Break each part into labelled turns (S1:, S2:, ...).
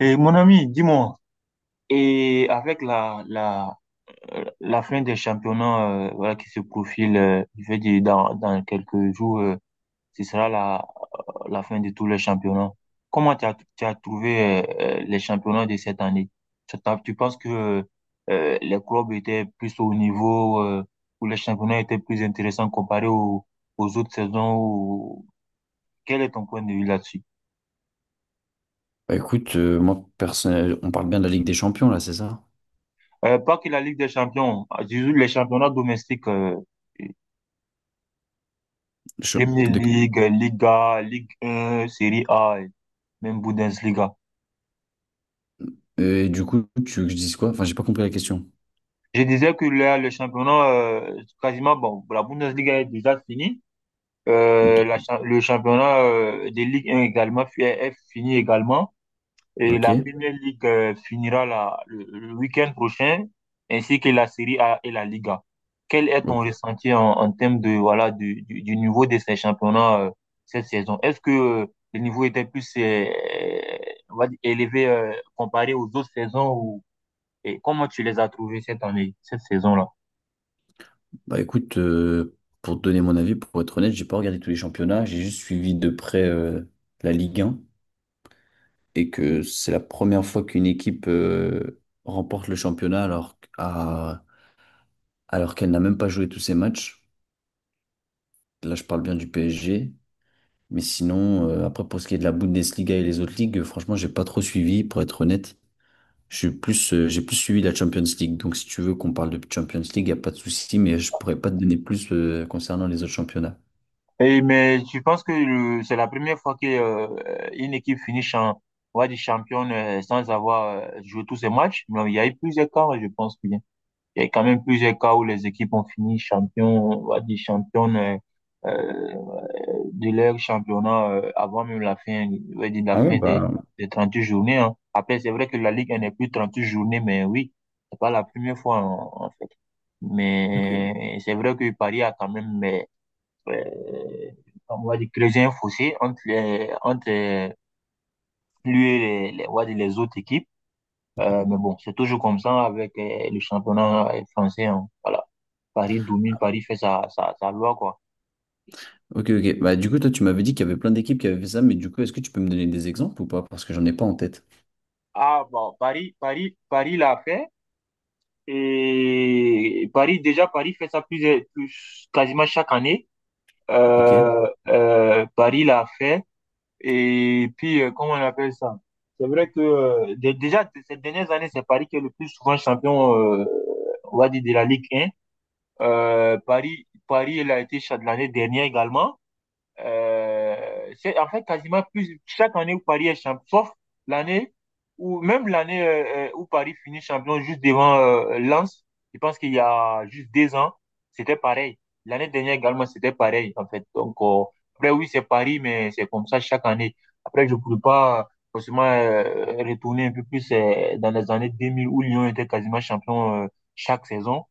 S1: Et mon ami, dis-moi, et avec la fin des championnats voilà, qui se profile, je veux dire dans quelques jours, ce sera la fin de tous les championnats. Comment tu as trouvé les championnats de cette année? Tu penses que les clubs étaient plus au niveau, ou les championnats étaient plus intéressants comparés aux autres saisons? Ou... Quel est ton point de vue là-dessus?
S2: Moi, personnel, on parle bien de la Ligue des Champions, là, c'est ça?
S1: Pas que la Ligue des Champions, je les championnats domestiques.
S2: Je-
S1: Premier
S2: de-
S1: League, Liga, Ligue 1, Série A, et même Bundesliga.
S2: Et du coup, tu veux que je dise quoi? Enfin, j'ai pas compris la question.
S1: Je disais que là, le championnat, quasiment, bon, la Bundesliga est déjà finie.
S2: Ok.
S1: Le championnat des Ligue 1 également est fini également. Et
S2: Ok.
S1: la Premier League finira le week-end prochain, ainsi que la Série A et la Liga. Quel est ton
S2: Ouais.
S1: ressenti en termes de, voilà, du niveau de ces championnats cette saison? Est-ce que le niveau était plus on va dire, élevé comparé aux autres saisons ou et comment tu les as trouvés cette année, cette saison-là?
S2: Bah écoute, euh, pour te donner mon avis, pour être honnête, j'ai pas regardé tous les championnats, j'ai juste suivi de près la Ligue 1, et que c'est la première fois qu'une équipe remporte le championnat alors qu'elle n'a même pas joué tous ses matchs. Là, je parle bien du PSG. Mais sinon, après, pour ce qui est de la Bundesliga et les autres ligues, franchement, j'ai pas trop suivi, pour être honnête. J'ai plus suivi la Champions League. Donc, si tu veux qu'on parle de Champions League, il n'y a pas de souci, mais je pourrais pas te donner plus, concernant les autres championnats.
S1: Et, mais tu penses que c'est la première fois que une équipe finit champ, on va dire championne sans avoir joué tous ses matchs? Non, il y a eu plusieurs cas, je pense. Il y a quand même plusieurs cas où les équipes ont fini champion, on va dire championne euh, de leur championnat avant même la fin, on va dire la
S2: Ah ouais,
S1: fin des,
S2: bah,
S1: des huit journées, hein. Après, c'est vrai que la Ligue elle n'est plus 38 journées, mais oui, c'est pas la première fois en fait.
S2: ok,
S1: Mais c'est vrai que Paris a quand même, mais, euh, on va dire, creusé un fossé entre les, entre lui et on va dire, les autres équipes. Mais bon, c'est toujours comme ça avec le championnat français, hein. Voilà. Paris domine, Paris fait sa loi, quoi.
S2: ok, ok. Bah, du coup, toi, tu m'avais dit qu'il y avait plein d'équipes qui avaient fait ça, mais du coup, est-ce que tu peux me donner des exemples ou pas? Parce que j'en ai pas en tête.
S1: Ah, bon, Paris l'a fait. Et Paris, déjà, Paris fait ça plus, plus quasiment chaque année.
S2: Ok.
S1: Paris l'a fait. Et puis, comment on appelle ça? C'est vrai que déjà, ces dernières années, c'est Paris qui est le plus souvent champion, on va dire, de la Ligue 1. Il a été cha- l'année dernière également. C'est en fait quasiment plus chaque année où Paris est champion, sauf l'année où même l'année où Paris finit champion juste devant Lens. Je pense qu'il y a juste deux ans, c'était pareil. L'année dernière également, c'était pareil en fait. Donc après oui, c'est Paris, mais c'est comme ça chaque année. Après, je ne pourrais pas forcément retourner un peu plus dans les années 2000 où Lyon était quasiment champion chaque saison.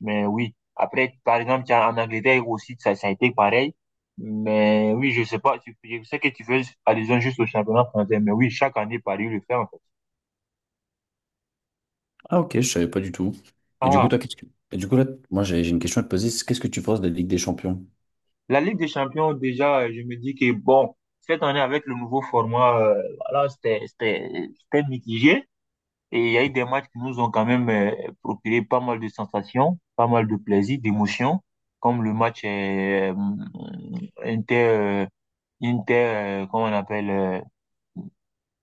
S1: Mais oui, après, par exemple, tiens, en Angleterre aussi, ça a été pareil. Mais oui, je sais pas, tu, je sais que tu fais allusion juste au championnat français, mais oui, chaque année, Paris le fait, en fait.
S2: Ah, ok, je savais pas du tout. Et du coup,
S1: Ah,
S2: toi, qu'est-ce que... Et du coup, là, moi, j'ai une question à te poser. C'est: qu'est-ce que tu penses de la Ligue des Champions?
S1: la Ligue des Champions, déjà, je me dis que bon, cette année, avec le nouveau format, voilà, c'était mitigé. Et il y a eu des matchs qui nous ont quand même procuré pas mal de sensations, pas mal de plaisir, d'émotions, comme le match Inter, euh, Inter, comment on appelle,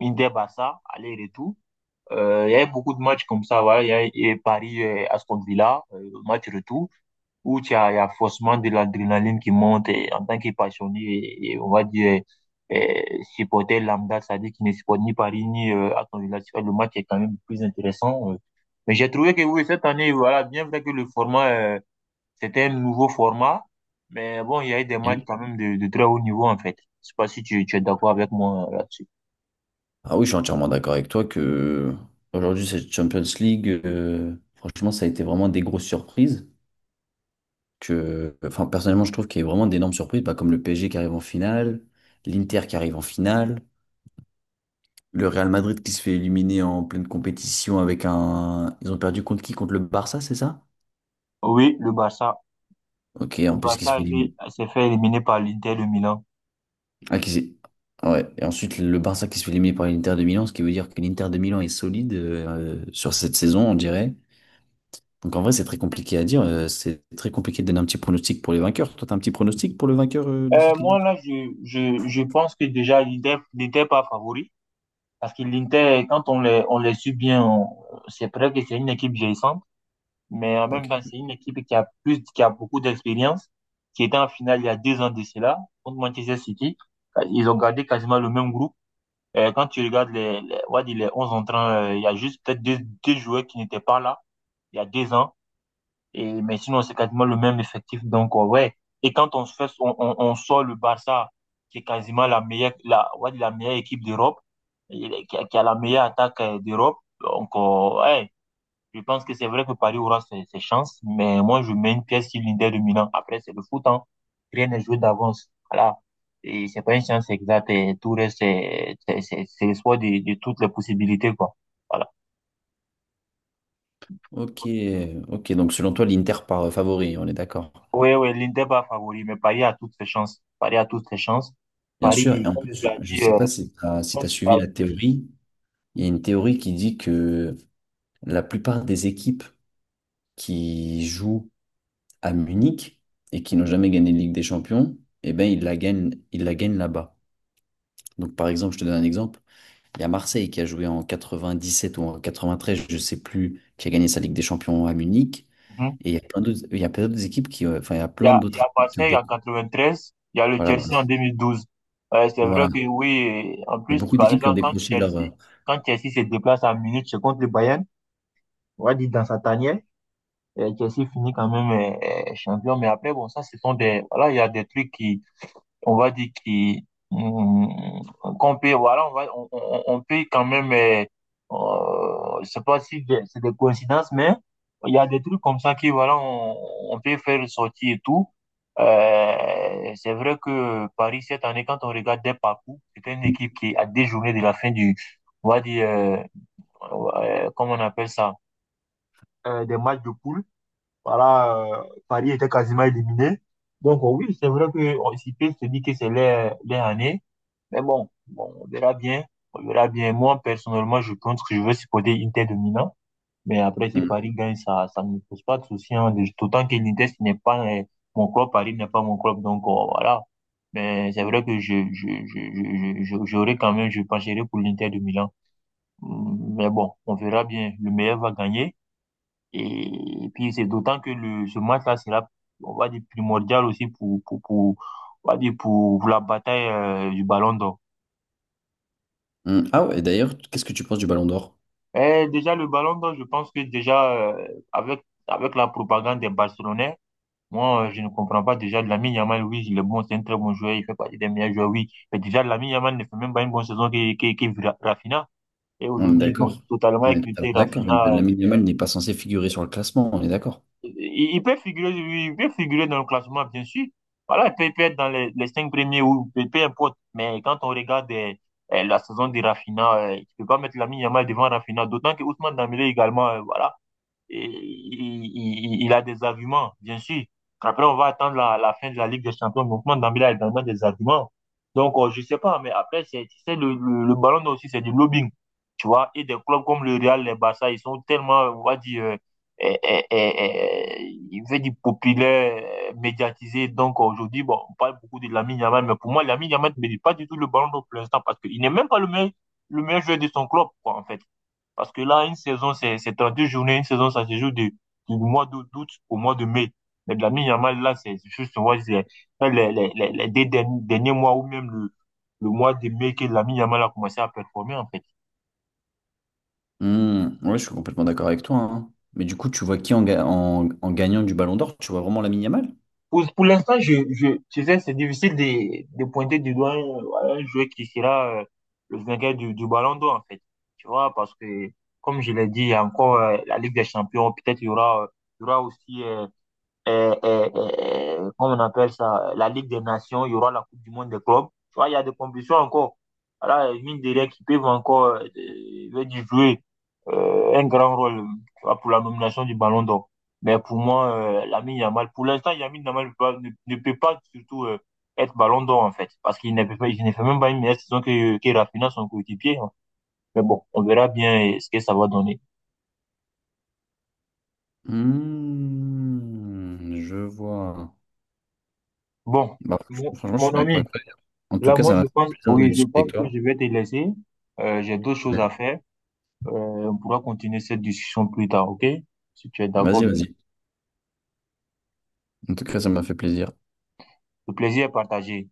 S1: Inter-Barça, aller-retour. Il y avait beaucoup de matchs comme ça, voilà. Il y a Paris Aston Villa, match retour, où tu as, il y a forcément de l'adrénaline qui monte et, en tant que passionné et on va dire euh, supporter lambda, c'est-à-dire qui ne supporte ni Paris ni Aston Villa. Tu vois, le match est quand même plus intéressant. Mais j'ai trouvé que oui, cette année, voilà, bien vrai que le format, c'était un nouveau format, mais bon, il y a eu des matchs
S2: Et
S1: quand même de très haut niveau en fait. Je sais pas si tu es d'accord avec moi là-dessus.
S2: Ah oui, je suis entièrement d'accord avec toi que aujourd'hui, cette Champions League, franchement, ça a été vraiment des grosses surprises. Personnellement, je trouve qu'il y a eu vraiment d'énormes surprises, bah, comme le PSG qui arrive en finale, l'Inter qui arrive en finale, le Real Madrid qui se fait éliminer en pleine compétition avec un. Ils ont perdu contre qui? Contre le Barça, c'est ça?
S1: Oui, le Barça.
S2: Ok,
S1: Le
S2: en plus, qui
S1: Barça
S2: se fait éliminer.
S1: s'est fait éliminer par l'Inter de Milan.
S2: Ah, qui s'est- Ah ouais. Et ensuite, le Barça qui se fait éliminer par l'Inter de Milan, ce qui veut dire que l'Inter de Milan est solide sur cette saison, on dirait. Donc, en vrai, c'est très compliqué à dire. C'est très compliqué de donner un petit pronostic pour les vainqueurs. Toi, t'as un petit pronostic pour le vainqueur de cette Ligue des
S1: Moi, là, je pense que déjà, l'Inter n'était pas favori. Parce que l'Inter, quand on les suit bien, on- c'est vrai que c'est une équipe vieillissante. Mais en même
S2: Champions?
S1: temps,
S2: Ok.
S1: c'est une équipe qui a plus, qui a beaucoup d'expérience, qui était en finale il y a 2 ans de cela, contre Manchester City. Ils ont gardé quasiment le même groupe. Quand tu regardes on va dire les 11 entrants, il y a juste peut-être deux joueurs qui n'étaient pas là il y a 2 ans. Et, mais sinon, c'est quasiment le même effectif. Donc, ouais. Et quand on, se fait, on sort le Barça, qui est quasiment la meilleure, la, ouais la meilleure équipe d'Europe, et qui a la meilleure attaque d'Europe. Donc, ouais, je pense que c'est vrai que Paris aura ses chances, mais moi, je mets une pièce sur l'Inter de Milan. Après, c'est le foot, hein. Rien n'est joué d'avance. Voilà. Et c'est pas une chance exacte. Et tout reste, c'est l'espoir de toutes les possibilités, quoi. Voilà.
S2: Ok, ok. Donc selon toi, l'Inter part favori, on est d'accord.
S1: Oui, oui, l'Inter pas favori, mais Paris a toutes ses chances. Paris a toutes ses chances.
S2: Bien sûr. Et
S1: Paris,
S2: en
S1: comme tu
S2: plus,
S1: l'as
S2: je ne
S1: dit,
S2: sais pas si tu as, si t'as
S1: comme tu
S2: suivi
S1: l'as dit,
S2: la théorie. Il y a une théorie qui dit que la plupart des équipes qui jouent à Munich et qui n'ont jamais gagné la Ligue des Champions, eh ben, ils la gagnent là-bas. Donc par exemple, je te donne un exemple. Il y a Marseille qui a joué en 97 ou en 93, je ne sais plus, qui a gagné sa Ligue des Champions à Munich.
S1: mhm.
S2: Et il y a plein d'autres, il y a plein d'autres équipes qui, il y a
S1: il y
S2: plein
S1: a, il y
S2: d'autres
S1: a
S2: équipes qui ont
S1: Marseille
S2: des-
S1: en 93, il y a le
S2: Voilà.
S1: Chelsea en 2012. C'est vrai
S2: Voilà.
S1: que oui, en
S2: Il y a
S1: plus,
S2: beaucoup
S1: par
S2: d'équipes qui ont
S1: exemple,
S2: décroché leur.
S1: Quand Chelsea se déplace à Munich, c'est contre le Bayern, on va dire dans sa tanière, Chelsea finit quand même champion. Mais après, bon, ça, ce sont des, voilà, il y a des trucs qui, on va dire qui mm, qu'on peut voilà on va on peut quand même je sais pas si c'est des coïncidences mais il y a des trucs comme ça qui voilà on peut faire sortir et tout. C'est vrai que Paris cette année quand on regarde des parcours c'est une équipe qui a des journées de la fin du on va dire comment on appelle ça des matchs de poule voilà Paris était quasiment éliminé donc oui c'est vrai que on s'y peut se dire que c'est leur année mais bon, on verra bien. On verra bien. Moi, personnellement, je pense que je veux supporter Inter de Milan. Mais après, si
S2: Mm,
S1: Paris gagne, ça ne me pose pas de souci, hein. D'autant que l'Inter, ce n'est pas mon club. Paris n'est pas mon club. Donc, voilà. Mais c'est vrai que j'aurais quand même, je pencherais pour l'Inter de Milan. Mais bon, on verra bien. Le meilleur va gagner. Et puis, c'est d'autant que le, ce match-là sera, on va dire, primordial aussi pour, on va dire, pour la bataille, du Ballon d'Or.
S2: mm. Ah ouais, d'ailleurs, qu'est-ce que tu penses du Ballon d'Or?
S1: Eh, déjà, le ballon d'or, je pense que déjà, avec la propagande des Barcelonais, moi, je ne comprends pas déjà Lamine Yamal, oui, il est bon, c'est un très bon joueur, il fait partie des meilleurs joueurs, oui. Mais déjà, Lamine Yamal ne fait même pas une bonne saison que Rafinha. Et
S2: On est
S1: aujourd'hui, ils ont
S2: d'accord.
S1: totalement
S2: On est totalement
S1: éclipsé
S2: d'accord.
S1: Rafinha.
S2: Lamine Yamal n'est pas censé figurer sur le classement, on est d'accord.
S1: Il peut figurer, oui, il peut figurer dans le classement, bien sûr. Voilà, il peut être dans les 5 premiers ou peu importe. Mais quand on regarde la saison de Rafinha, tu peux pas mettre Lamine Yamal devant Rafinha, d'autant que Ousmane Dembélé également, voilà. Et il a des arguments, bien sûr. Après, on va attendre la fin de la Ligue des Champions. Le mouvement Dembélé a également des arguments. Donc, je ne sais pas, mais après, c'est, tu sais, le ballon d'or aussi, c'est du lobbying. Tu vois, et des clubs comme le Real, les Barça, ils sont tellement, on va dire, euh, euh, euh, il veut dire populaire, médiatisé. Donc, aujourd'hui, bon, on parle beaucoup de Lamine Yamal, mais pour moi, Lamine Yamal ne mérite pas du tout le ballon d'or pour l'instant parce qu'il n'est même pas le meilleur joueur de son club, quoi, en fait. Parce que là, une saison, c'est 32 journées. Une saison, ça se joue du mois d'août au mois de mai. Mais de la mi-yamal, là, c'est juste, on voit, c'est les deux derniers mois ou même le mois de mai que la mi yamal a commencé à performer, en fait.
S2: Mm, ouais, je suis complètement d'accord avec toi, hein. Mais du coup, tu vois qui en, en gagnant du Ballon d'Or? Tu vois vraiment Lamine Yamal?
S1: Pour l'instant, tu sais, c'est difficile de pointer du doigt un joueur qui sera le vainqueur du ballon d'or, en fait. Tu vois, parce que, comme je l'ai dit, il y a encore la Ligue des Champions. Peut-être il y aura aussi comment on appelle ça, la Ligue des Nations, il y aura la Coupe du Monde des clubs. Tu vois, il y a des compétitions encore. Voilà, mine de rien, qui peuvent encore veut dire jouer un grand rôle tu vois, pour la nomination du Ballon d'Or. Mais pour moi, Lamine Yamal, pour l'instant, Lamine Yamal ne, ne peut pas surtout être Ballon d'Or, en fait, parce qu'il ne peut pas, il ne fait même pas une meilleure saison que Raphinha, son coéquipier, hein. Mais bon, on verra bien ce que ça va donner.
S2: Mm, je vois.
S1: Bon,
S2: Bah, franchement, je
S1: mon
S2: suis d'accord
S1: ami.
S2: avec toi. En tout
S1: Là,
S2: cas,
S1: moi,
S2: ça
S1: je
S2: m'a fait
S1: pense,
S2: plaisir de
S1: oui, je
S2: discuter
S1: pense
S2: avec
S1: que
S2: toi.
S1: je vais te laisser. J'ai d'autres choses à
S2: Ouais.
S1: faire. On pourra continuer cette discussion plus tard, ok? Si tu es d'accord,
S2: Vas-y,
S1: bien.
S2: vas-y. En tout cas, ça m'a fait plaisir.
S1: Le plaisir est partagé.